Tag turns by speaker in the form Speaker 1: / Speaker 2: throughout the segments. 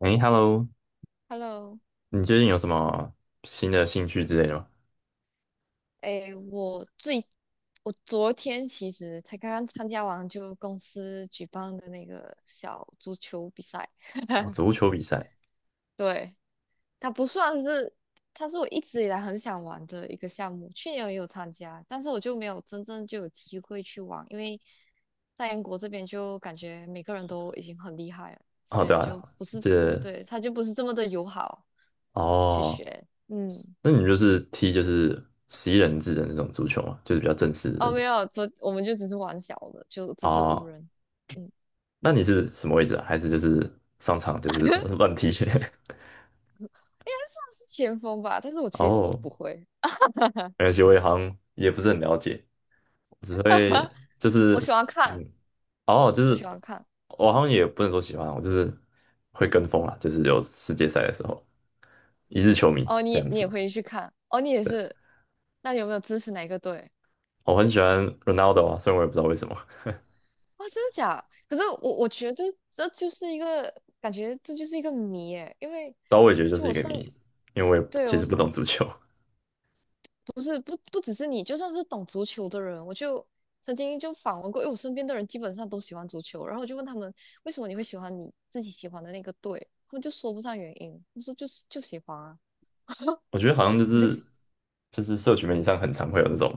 Speaker 1: 哎，Hello，
Speaker 2: Hello。
Speaker 1: 你最近有什么新的兴趣之类的吗？
Speaker 2: 诶，我最我昨天其实才刚刚参加完公司举办的那个小足球比赛，
Speaker 1: 哦，足球比赛。
Speaker 2: 对，它不算是，它是我一直以来很想玩的一个项目，去年也有参加，但是我就没有真正就有机会去玩，因为在英国这边就感觉每个人都已经很厉害了，所
Speaker 1: 哦，对
Speaker 2: 以
Speaker 1: 啊，
Speaker 2: 就不是。
Speaker 1: 这
Speaker 2: 对，它就不是这么的友好去
Speaker 1: 哦，
Speaker 2: 学，嗯。
Speaker 1: 那你就是踢就是11人制的那种足球嘛，就是比较正式的那
Speaker 2: 哦，
Speaker 1: 种。
Speaker 2: 没有，昨我们就只是玩小的，就只是五
Speaker 1: 哦，
Speaker 2: 人，嗯。
Speaker 1: 那你是什么位置啊？还是就是上场就是
Speaker 2: 应
Speaker 1: 乱踢？
Speaker 2: 该算是前锋吧。但是我 其实什么都
Speaker 1: 哦，
Speaker 2: 不会。
Speaker 1: 没关系，我也好像也不是很了解，我只会就是
Speaker 2: 我喜欢看，
Speaker 1: 嗯，哦，
Speaker 2: 我喜欢看。
Speaker 1: 我好像也不能说喜欢啊，我就是会跟风啦，就是有世界赛的时候，一日球迷
Speaker 2: 哦，你
Speaker 1: 这
Speaker 2: 也
Speaker 1: 样
Speaker 2: 你
Speaker 1: 子。
Speaker 2: 也会去看，哦，你也是。那你有没有支持哪一个队？
Speaker 1: 我很喜欢 Ronaldo 啊，虽然我也不知道为什么，
Speaker 2: 哇，真的假？可是我觉得这就是一个感觉，这就是一个谜诶。因为
Speaker 1: 但我也觉得就
Speaker 2: 就
Speaker 1: 是一
Speaker 2: 我
Speaker 1: 个
Speaker 2: 身，
Speaker 1: 谜，因为我也
Speaker 2: 对
Speaker 1: 其
Speaker 2: 我
Speaker 1: 实不
Speaker 2: 是
Speaker 1: 懂足球。
Speaker 2: 不只是你，就算是懂足球的人，我就曾经就访问过，因为我身边的人基本上都喜欢足球，然后我就问他们为什么你会喜欢你自己喜欢的那个队，他们就说不上原因，我说就是就喜欢啊。
Speaker 1: 我觉得好像就
Speaker 2: 我觉
Speaker 1: 是
Speaker 2: 得
Speaker 1: 就是社群媒体上很常会有那种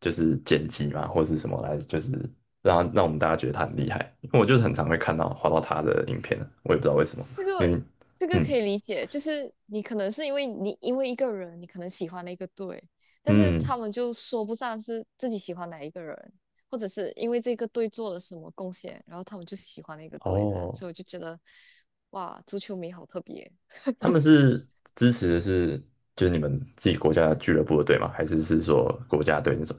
Speaker 1: 就是剪辑嘛，或者是什么来，就是让我们大家觉得他很厉害。因为我就是很常会滑到他的影片啊，我也不知道为什么。
Speaker 2: 这
Speaker 1: 明
Speaker 2: 个
Speaker 1: 明。
Speaker 2: 这个可
Speaker 1: 嗯
Speaker 2: 以理解，就是你可能是因为因为一个人，你可能喜欢了一个队，但是
Speaker 1: 嗯
Speaker 2: 他们就说不上是自己喜欢哪一个人，或者是因为这个队做了什么贡献，然后他们就喜欢那个队的，
Speaker 1: 哦，
Speaker 2: 所以我就觉得哇，足球迷好特别。
Speaker 1: 他们是支持的是就是你们自己国家俱乐部的队吗？还是是说国家队那种？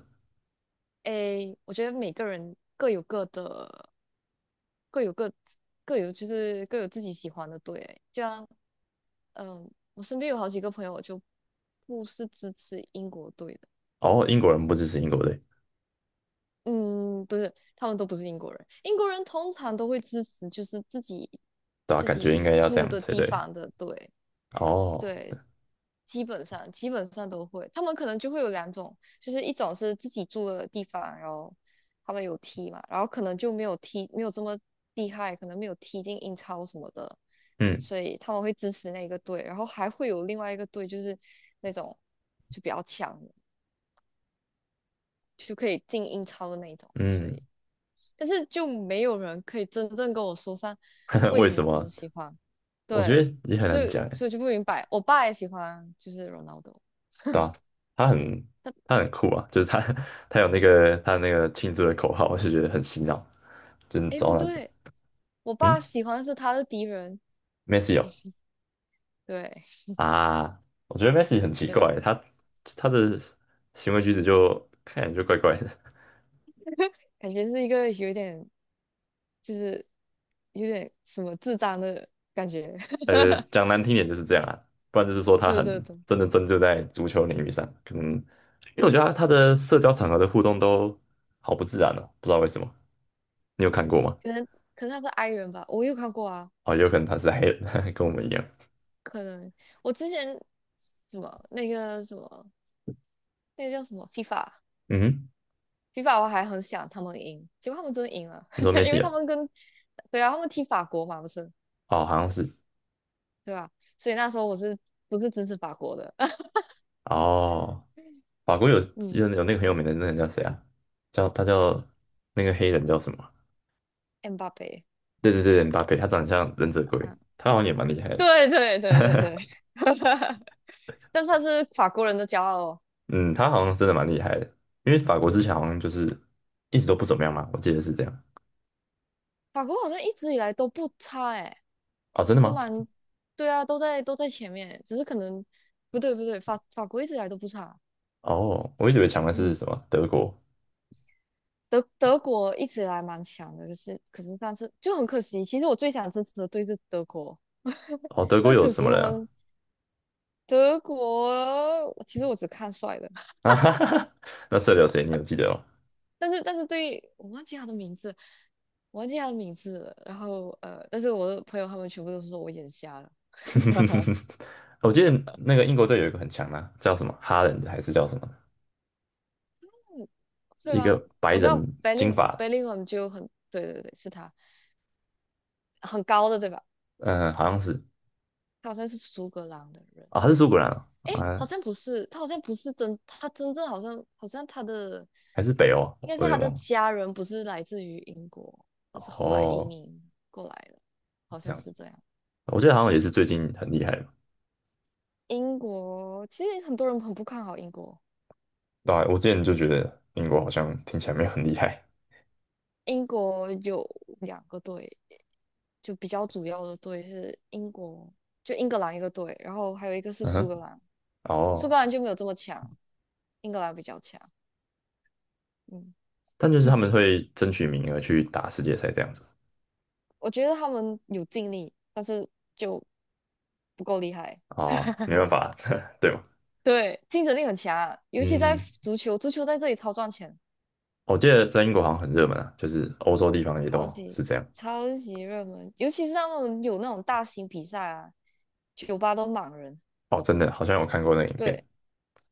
Speaker 2: 诶，我觉得每个人各有各的，各有各各有就是各有自己喜欢的队欸就像，嗯，我身边有好几个朋友就不是支持英国队的。
Speaker 1: 哦，英国人不支持英国队，
Speaker 2: 嗯，不是，他们都不是英国人。英国人通常都会支持就是
Speaker 1: 对吧？
Speaker 2: 自
Speaker 1: 感觉应
Speaker 2: 己
Speaker 1: 该要这
Speaker 2: 住
Speaker 1: 样
Speaker 2: 的
Speaker 1: 才
Speaker 2: 地
Speaker 1: 对。
Speaker 2: 方的队。
Speaker 1: 哦，
Speaker 2: 对，基本上都会。他们可能就会有2种，就是一种是自己住的地方，然后他们有踢嘛，然后可能就没有踢，没有这么厉害，可能没有踢进英超什么的，
Speaker 1: 嗯
Speaker 2: 所以他们会支持那个队。然后还会有另外一个队，就是那种就比较强的就可以进英超的那一种。所
Speaker 1: 嗯，
Speaker 2: 以，但是就没有人可以真正跟我说上 为
Speaker 1: 为
Speaker 2: 什
Speaker 1: 什
Speaker 2: 么他
Speaker 1: 么？
Speaker 2: 们喜欢。
Speaker 1: 我觉
Speaker 2: 对，
Speaker 1: 得也很
Speaker 2: 所
Speaker 1: 难
Speaker 2: 以
Speaker 1: 讲诶，
Speaker 2: 所以就不明白，我爸也喜欢，就是 Ronaldo。
Speaker 1: 对吧、他很他很酷啊，就是他 他有那个他那个庆祝的口号，我就觉得很洗脑，就是
Speaker 2: 哎，不
Speaker 1: 找哪着，
Speaker 2: 对，我
Speaker 1: 嗯
Speaker 2: 爸喜欢的是他的敌人。
Speaker 1: ，Messi 哦
Speaker 2: 对
Speaker 1: 啊，我觉得 Messi 很奇
Speaker 2: 对，
Speaker 1: 怪欸，他的行为举止就看起来就怪怪的，
Speaker 2: 感觉是一个有点就是有点什么智障的感觉。
Speaker 1: 讲 难听点就是这样啊，不然就是说他
Speaker 2: 对
Speaker 1: 很
Speaker 2: 对对，
Speaker 1: 真的专注在足球领域上，可能因为我觉得他的社交场合的互动都好不自然哦，不知道为什么。你有看过吗？
Speaker 2: 可能可能他是 i 人吧，我有看过啊。
Speaker 1: 哦，有可能他是黑人，跟我们一样。
Speaker 2: 可能我之前什么那个什么那个叫什么 FIFA，FIFA
Speaker 1: 嗯哼，
Speaker 2: 我还很想他们赢，结果他们真的赢了，
Speaker 1: 你说梅
Speaker 2: 因
Speaker 1: 西
Speaker 2: 为他
Speaker 1: 哦？
Speaker 2: 们跟对啊，他们踢法国嘛，不是
Speaker 1: 哦，好像是。
Speaker 2: 对吧？所以那时候我是不是支持法国的？
Speaker 1: 哦，法国有
Speaker 2: 嗯
Speaker 1: 有有那个很有名的那个人叫谁啊？叫那个黑人叫什么啊？
Speaker 2: ，m 巴 a
Speaker 1: 对对对，姆巴佩，他长得像忍者龟，
Speaker 2: 嗯。
Speaker 1: 他好像也蛮厉害 的。
Speaker 2: 对对对对对。但是他是法国人的骄傲哦。
Speaker 1: 嗯，他好像真的蛮厉害的，因为法国之前好像就是一直都不怎么样嘛，我记得是这样。
Speaker 2: 法国好像一直以来都不差诶，
Speaker 1: 哦，真的
Speaker 2: 都
Speaker 1: 吗？
Speaker 2: 蛮，对啊，都在都在前面，只是可能不对不对，法法国一直以来都不差。
Speaker 1: 哦，我一直以为强的是
Speaker 2: 嗯，
Speaker 1: 什么德国。
Speaker 2: 德德国一直以来蛮强的，可是上次就很可惜，其实我最想支持的队是德国。
Speaker 1: 哦，德国
Speaker 2: 但
Speaker 1: 有
Speaker 2: 可
Speaker 1: 什
Speaker 2: 惜
Speaker 1: 么
Speaker 2: 他
Speaker 1: 人啊？
Speaker 2: 们德国，其实我只看帅的，
Speaker 1: 啊哈哈哈，那射流谁？你有记得吗？
Speaker 2: 但是对，我忘记他的名字，我忘记他的名字了。然后但是我的朋友他们全部都是说我眼瞎了。
Speaker 1: 我记得那个英国队有一个很强的啊叫什么哈兰还是叫什么？
Speaker 2: 嗯对
Speaker 1: 一个
Speaker 2: 吧？
Speaker 1: 白
Speaker 2: 我知道
Speaker 1: 人金 发，
Speaker 2: Bellingham 就很，对对对，是他，很高的对吧？
Speaker 1: 嗯、好像是
Speaker 2: 他好像是苏格兰的人。
Speaker 1: 啊，他是苏格兰啊，
Speaker 2: 诶，好
Speaker 1: 啊
Speaker 2: 像不是，他好像不是真，他真正好像他的
Speaker 1: 还是北欧啊？
Speaker 2: 应该是
Speaker 1: 我有
Speaker 2: 他
Speaker 1: 点
Speaker 2: 的
Speaker 1: 忘了。
Speaker 2: 家人不是来自于英国，他是后来移
Speaker 1: 哦，
Speaker 2: 民过来的，好
Speaker 1: 这
Speaker 2: 像
Speaker 1: 样，
Speaker 2: 是这样。
Speaker 1: 我记得好像也是最近很厉害嘛。
Speaker 2: 英国其实很多人很不看好英国。
Speaker 1: 对啊我之前就觉得英国好像听起来没有很厉害。
Speaker 2: 英国有2个队，就比较主要的队是英国，就英格兰一个队，然后还有一个是
Speaker 1: 嗯
Speaker 2: 苏
Speaker 1: 哼，
Speaker 2: 格兰。苏格
Speaker 1: 哦，
Speaker 2: 兰就没有这么强，英格兰比较强。嗯。
Speaker 1: 但就是他 们会争取名额去打世界赛这样子。
Speaker 2: 我觉得他们有尽力，但是就不够厉害。
Speaker 1: 哦，没办法，对吧？
Speaker 2: 对，竞争力很强啊，尤其在
Speaker 1: 嗯，
Speaker 2: 足球，足球在这里超赚钱，
Speaker 1: 我记得在英国好像很热门啊，就是欧洲地方也
Speaker 2: 超
Speaker 1: 都
Speaker 2: 级
Speaker 1: 是这样。
Speaker 2: 超级热门，尤其是他们有那种大型比赛啊，酒吧都满人。
Speaker 1: 哦，真的，好像有看过那个影
Speaker 2: 对，
Speaker 1: 片。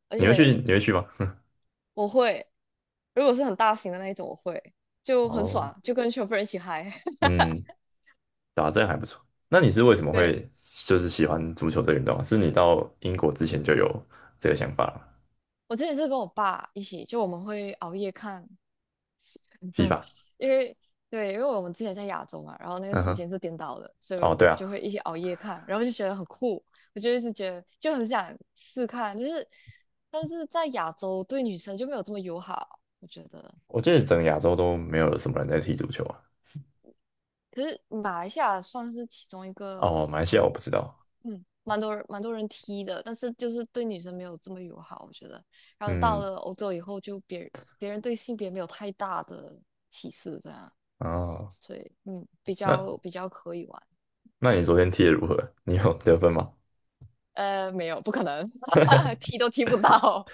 Speaker 2: 而且
Speaker 1: 你会去吗？
Speaker 2: 我会，如果是很大型的那一种，我会就很
Speaker 1: 哦，
Speaker 2: 爽，就跟全部人一起嗨。
Speaker 1: 嗯，打针还不错。那你是为什么
Speaker 2: 对，
Speaker 1: 会就是喜欢足球这个运动啊是你到英国之前就有这个想法了吗
Speaker 2: 我之前是跟我爸一起，就我们会熬夜看。
Speaker 1: f
Speaker 2: 因为对，因为我们之前在亚洲嘛，然后那个
Speaker 1: 嗯
Speaker 2: 时
Speaker 1: 哼，
Speaker 2: 间是颠倒的，所以
Speaker 1: 哦，
Speaker 2: 我
Speaker 1: 对
Speaker 2: 们
Speaker 1: 啊，
Speaker 2: 就会一起熬夜看，然后就觉得很酷。我就一直觉得就很想试看，就是但是在亚洲对女生就没有这么友好，我觉得。
Speaker 1: 我记得整个亚洲都没有什么人在踢足球啊。
Speaker 2: 可是马来西亚算是其中一个
Speaker 1: 哦，马来西亚我不
Speaker 2: 很
Speaker 1: 知道。
Speaker 2: 嗯，蛮多人踢的，但是就是对女生没有这么友好，我觉得。然后到
Speaker 1: 嗯，
Speaker 2: 了欧洲以后，就别人对性别没有太大的歧视，这样，
Speaker 1: 哦，
Speaker 2: 所以嗯，
Speaker 1: 那
Speaker 2: 比较可以玩。
Speaker 1: 那你昨天踢的如何？你有得分吗？
Speaker 2: 没有，不可能。踢都踢不到。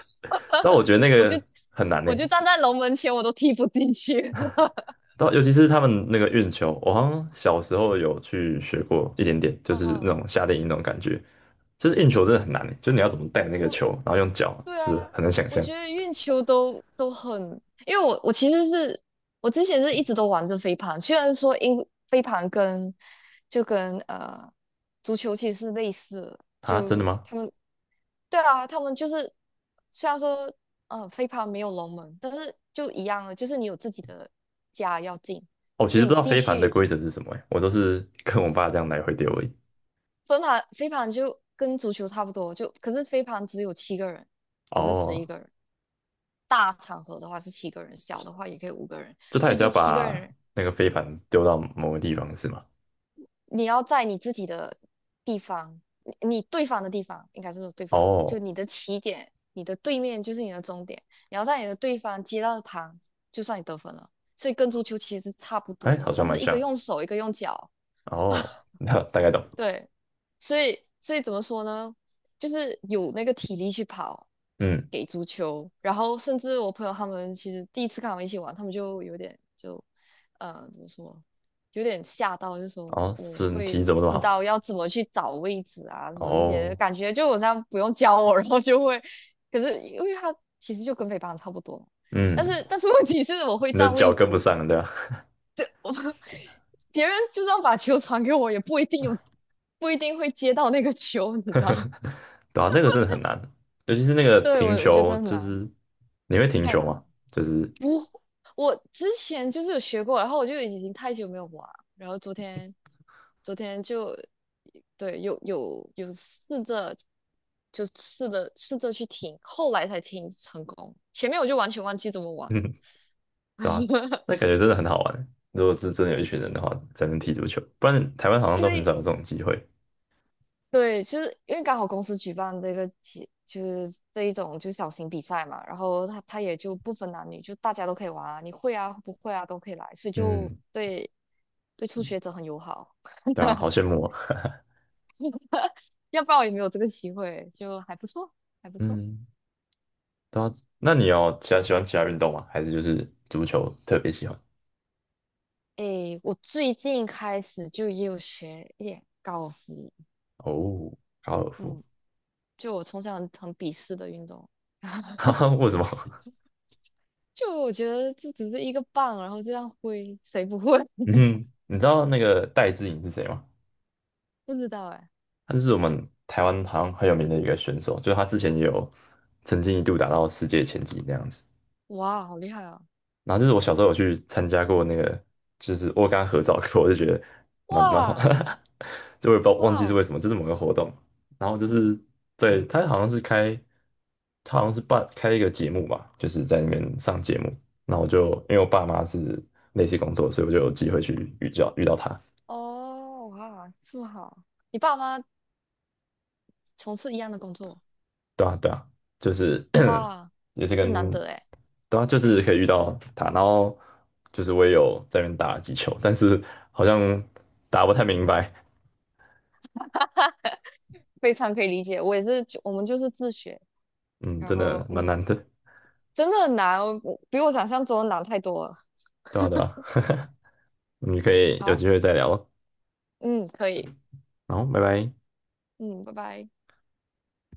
Speaker 1: 但我觉得那
Speaker 2: 我
Speaker 1: 个
Speaker 2: 就
Speaker 1: 很难呢。
Speaker 2: 我就站在龙门前，我都踢不进去。
Speaker 1: 尤其是他们那个运球，我好像小时候有去学过一点点，就是那
Speaker 2: 哦，
Speaker 1: 种夏令营那种感觉。就是运球真的很难欸，就是你要怎么带那个
Speaker 2: 我
Speaker 1: 球，然后用脚，
Speaker 2: 对
Speaker 1: 是
Speaker 2: 啊，
Speaker 1: 很难想
Speaker 2: 我
Speaker 1: 象
Speaker 2: 觉得运球都很，因为我其实是我之前是一直都玩着飞盘，虽然说飞盘跟就跟足球其实是类似的，
Speaker 1: 啊！真的
Speaker 2: 就
Speaker 1: 吗？
Speaker 2: 他们对啊，他们就是虽然说飞盘没有龙门，但是就一样了，就是你有自己的家要进，
Speaker 1: 哦，其
Speaker 2: 所
Speaker 1: 实
Speaker 2: 以
Speaker 1: 不
Speaker 2: 你
Speaker 1: 知道
Speaker 2: 进
Speaker 1: 飞盘的
Speaker 2: 去
Speaker 1: 规则是什么欸，我都是跟我爸这样来回丢而已。
Speaker 2: 飞盘就跟足球差不多，就可是飞盘只有七个人，不是十一
Speaker 1: 哦，
Speaker 2: 个人。大场合的话是七个人，小的话也可以5个人，
Speaker 1: 就他
Speaker 2: 所
Speaker 1: 也
Speaker 2: 以
Speaker 1: 是要
Speaker 2: 就七个
Speaker 1: 把
Speaker 2: 人。
Speaker 1: 那个飞盘丢到某个地方是吗？
Speaker 2: 你要在你自己的地方，你对方的地方，应该是说对方，就
Speaker 1: 哦，
Speaker 2: 你的起点，你的对面就是你的终点。你要在你的对方接到的旁，就算你得分了。所以跟足球其实差不
Speaker 1: 哎，
Speaker 2: 多
Speaker 1: 好
Speaker 2: 了，
Speaker 1: 像
Speaker 2: 但
Speaker 1: 蛮
Speaker 2: 是一个
Speaker 1: 像。
Speaker 2: 用手，一个用脚。
Speaker 1: 哦，那大概懂。
Speaker 2: 对，所以怎么说呢？就是有那个体力去跑
Speaker 1: 嗯，
Speaker 2: 给足球，然后甚至我朋友他们其实第一次看我们一起玩，他们就有点就，怎么说，有点吓到，就说
Speaker 1: 哦，
Speaker 2: 我
Speaker 1: 身体
Speaker 2: 会
Speaker 1: 怎么这么
Speaker 2: 知
Speaker 1: 好？
Speaker 2: 道要怎么去找位置啊，什么这些，
Speaker 1: 哦，
Speaker 2: 感觉就我这样不用教我，然后就会，可是因为他其实就跟北方差不多，
Speaker 1: 嗯，
Speaker 2: 但是问题是我会
Speaker 1: 你的
Speaker 2: 占
Speaker 1: 脚
Speaker 2: 位
Speaker 1: 跟不
Speaker 2: 置，
Speaker 1: 上，对吧？
Speaker 2: 别人就算把球传给我，也不一定有，不一定会接到那个球，你知道？
Speaker 1: 对啊，那个真的很难，尤其是那个
Speaker 2: 对，我
Speaker 1: 停
Speaker 2: 我觉得
Speaker 1: 球，
Speaker 2: 真的很
Speaker 1: 就
Speaker 2: 难，
Speaker 1: 是你会停
Speaker 2: 太
Speaker 1: 球
Speaker 2: 难
Speaker 1: 吗？
Speaker 2: 了。
Speaker 1: 就是，
Speaker 2: 不，我之前就是有学过，然后我就已经太久没有玩了，然后昨天，昨天就，对，有有试着，就试着去听，后来才听成功，前面我就完全忘记怎么 玩。
Speaker 1: 嗯，对啊，那感觉真的很好玩。如果是真的有一群人的话，才能踢足球，不然台湾好像
Speaker 2: 因
Speaker 1: 都很少
Speaker 2: 为
Speaker 1: 有这种机会。
Speaker 2: 对，其是因为刚好公司举办这个节，就是这一种就是小型比赛嘛，然后他也就不分男女，就大家都可以玩啊，你会啊不会啊都可以来，所以就
Speaker 1: 嗯，
Speaker 2: 对对初学者很友好，
Speaker 1: 对啊，好羡慕啊。
Speaker 2: 要不然我也没有这个机会，就还不错，还不错。
Speaker 1: 嗯，对啊，那你要其他喜欢其他运动吗？还是就是足球特别喜欢？
Speaker 2: 诶，我最近开始就也有学一点高尔夫。
Speaker 1: 哦，高尔夫，
Speaker 2: 嗯，就我从小很鄙视的运动，
Speaker 1: 哈哈，为什么？
Speaker 2: 就我觉得就只是一个棒，然后这样挥，谁不会？
Speaker 1: 嗯，你知道那个戴资颖是谁吗？
Speaker 2: 不知道哎。
Speaker 1: 他是我们台湾好像很有名的一个选手，就是他之前也有曾经一度打到世界前几那样子。
Speaker 2: 哇，好厉害啊！
Speaker 1: 然后就是我小时候有去参加过那个，就是我有跟他合照过，我就觉得蛮好，
Speaker 2: 哇
Speaker 1: 就我也不知道忘记是
Speaker 2: 哇！
Speaker 1: 为什么，就是某个活动。然后就是对他好像是开，他好像是办开一个节目吧，就是在那边上节目。那我就因为我爸妈是类似工作，所以我就有机会去遇到他。
Speaker 2: 哦，哇，这么好！你爸妈从事一样的工作，
Speaker 1: 对啊，对啊，就是
Speaker 2: 哇，
Speaker 1: 也是
Speaker 2: 这难
Speaker 1: 跟，
Speaker 2: 得哎。
Speaker 1: 对啊，就是可以遇到他，然后就是我也有在那边打了几球，但是好像打不太明白，
Speaker 2: 非常可以理解。我也是就，我们就是自学，
Speaker 1: 嗯，
Speaker 2: 然
Speaker 1: 真的
Speaker 2: 后
Speaker 1: 蛮
Speaker 2: 嗯，
Speaker 1: 难的，
Speaker 2: 真的很难，我比我想象中的难太多了。
Speaker 1: 对啊，对啊，你可以有机
Speaker 2: 好，
Speaker 1: 会再聊咯，
Speaker 2: 嗯，可以，
Speaker 1: 然后拜拜。
Speaker 2: 嗯，拜拜。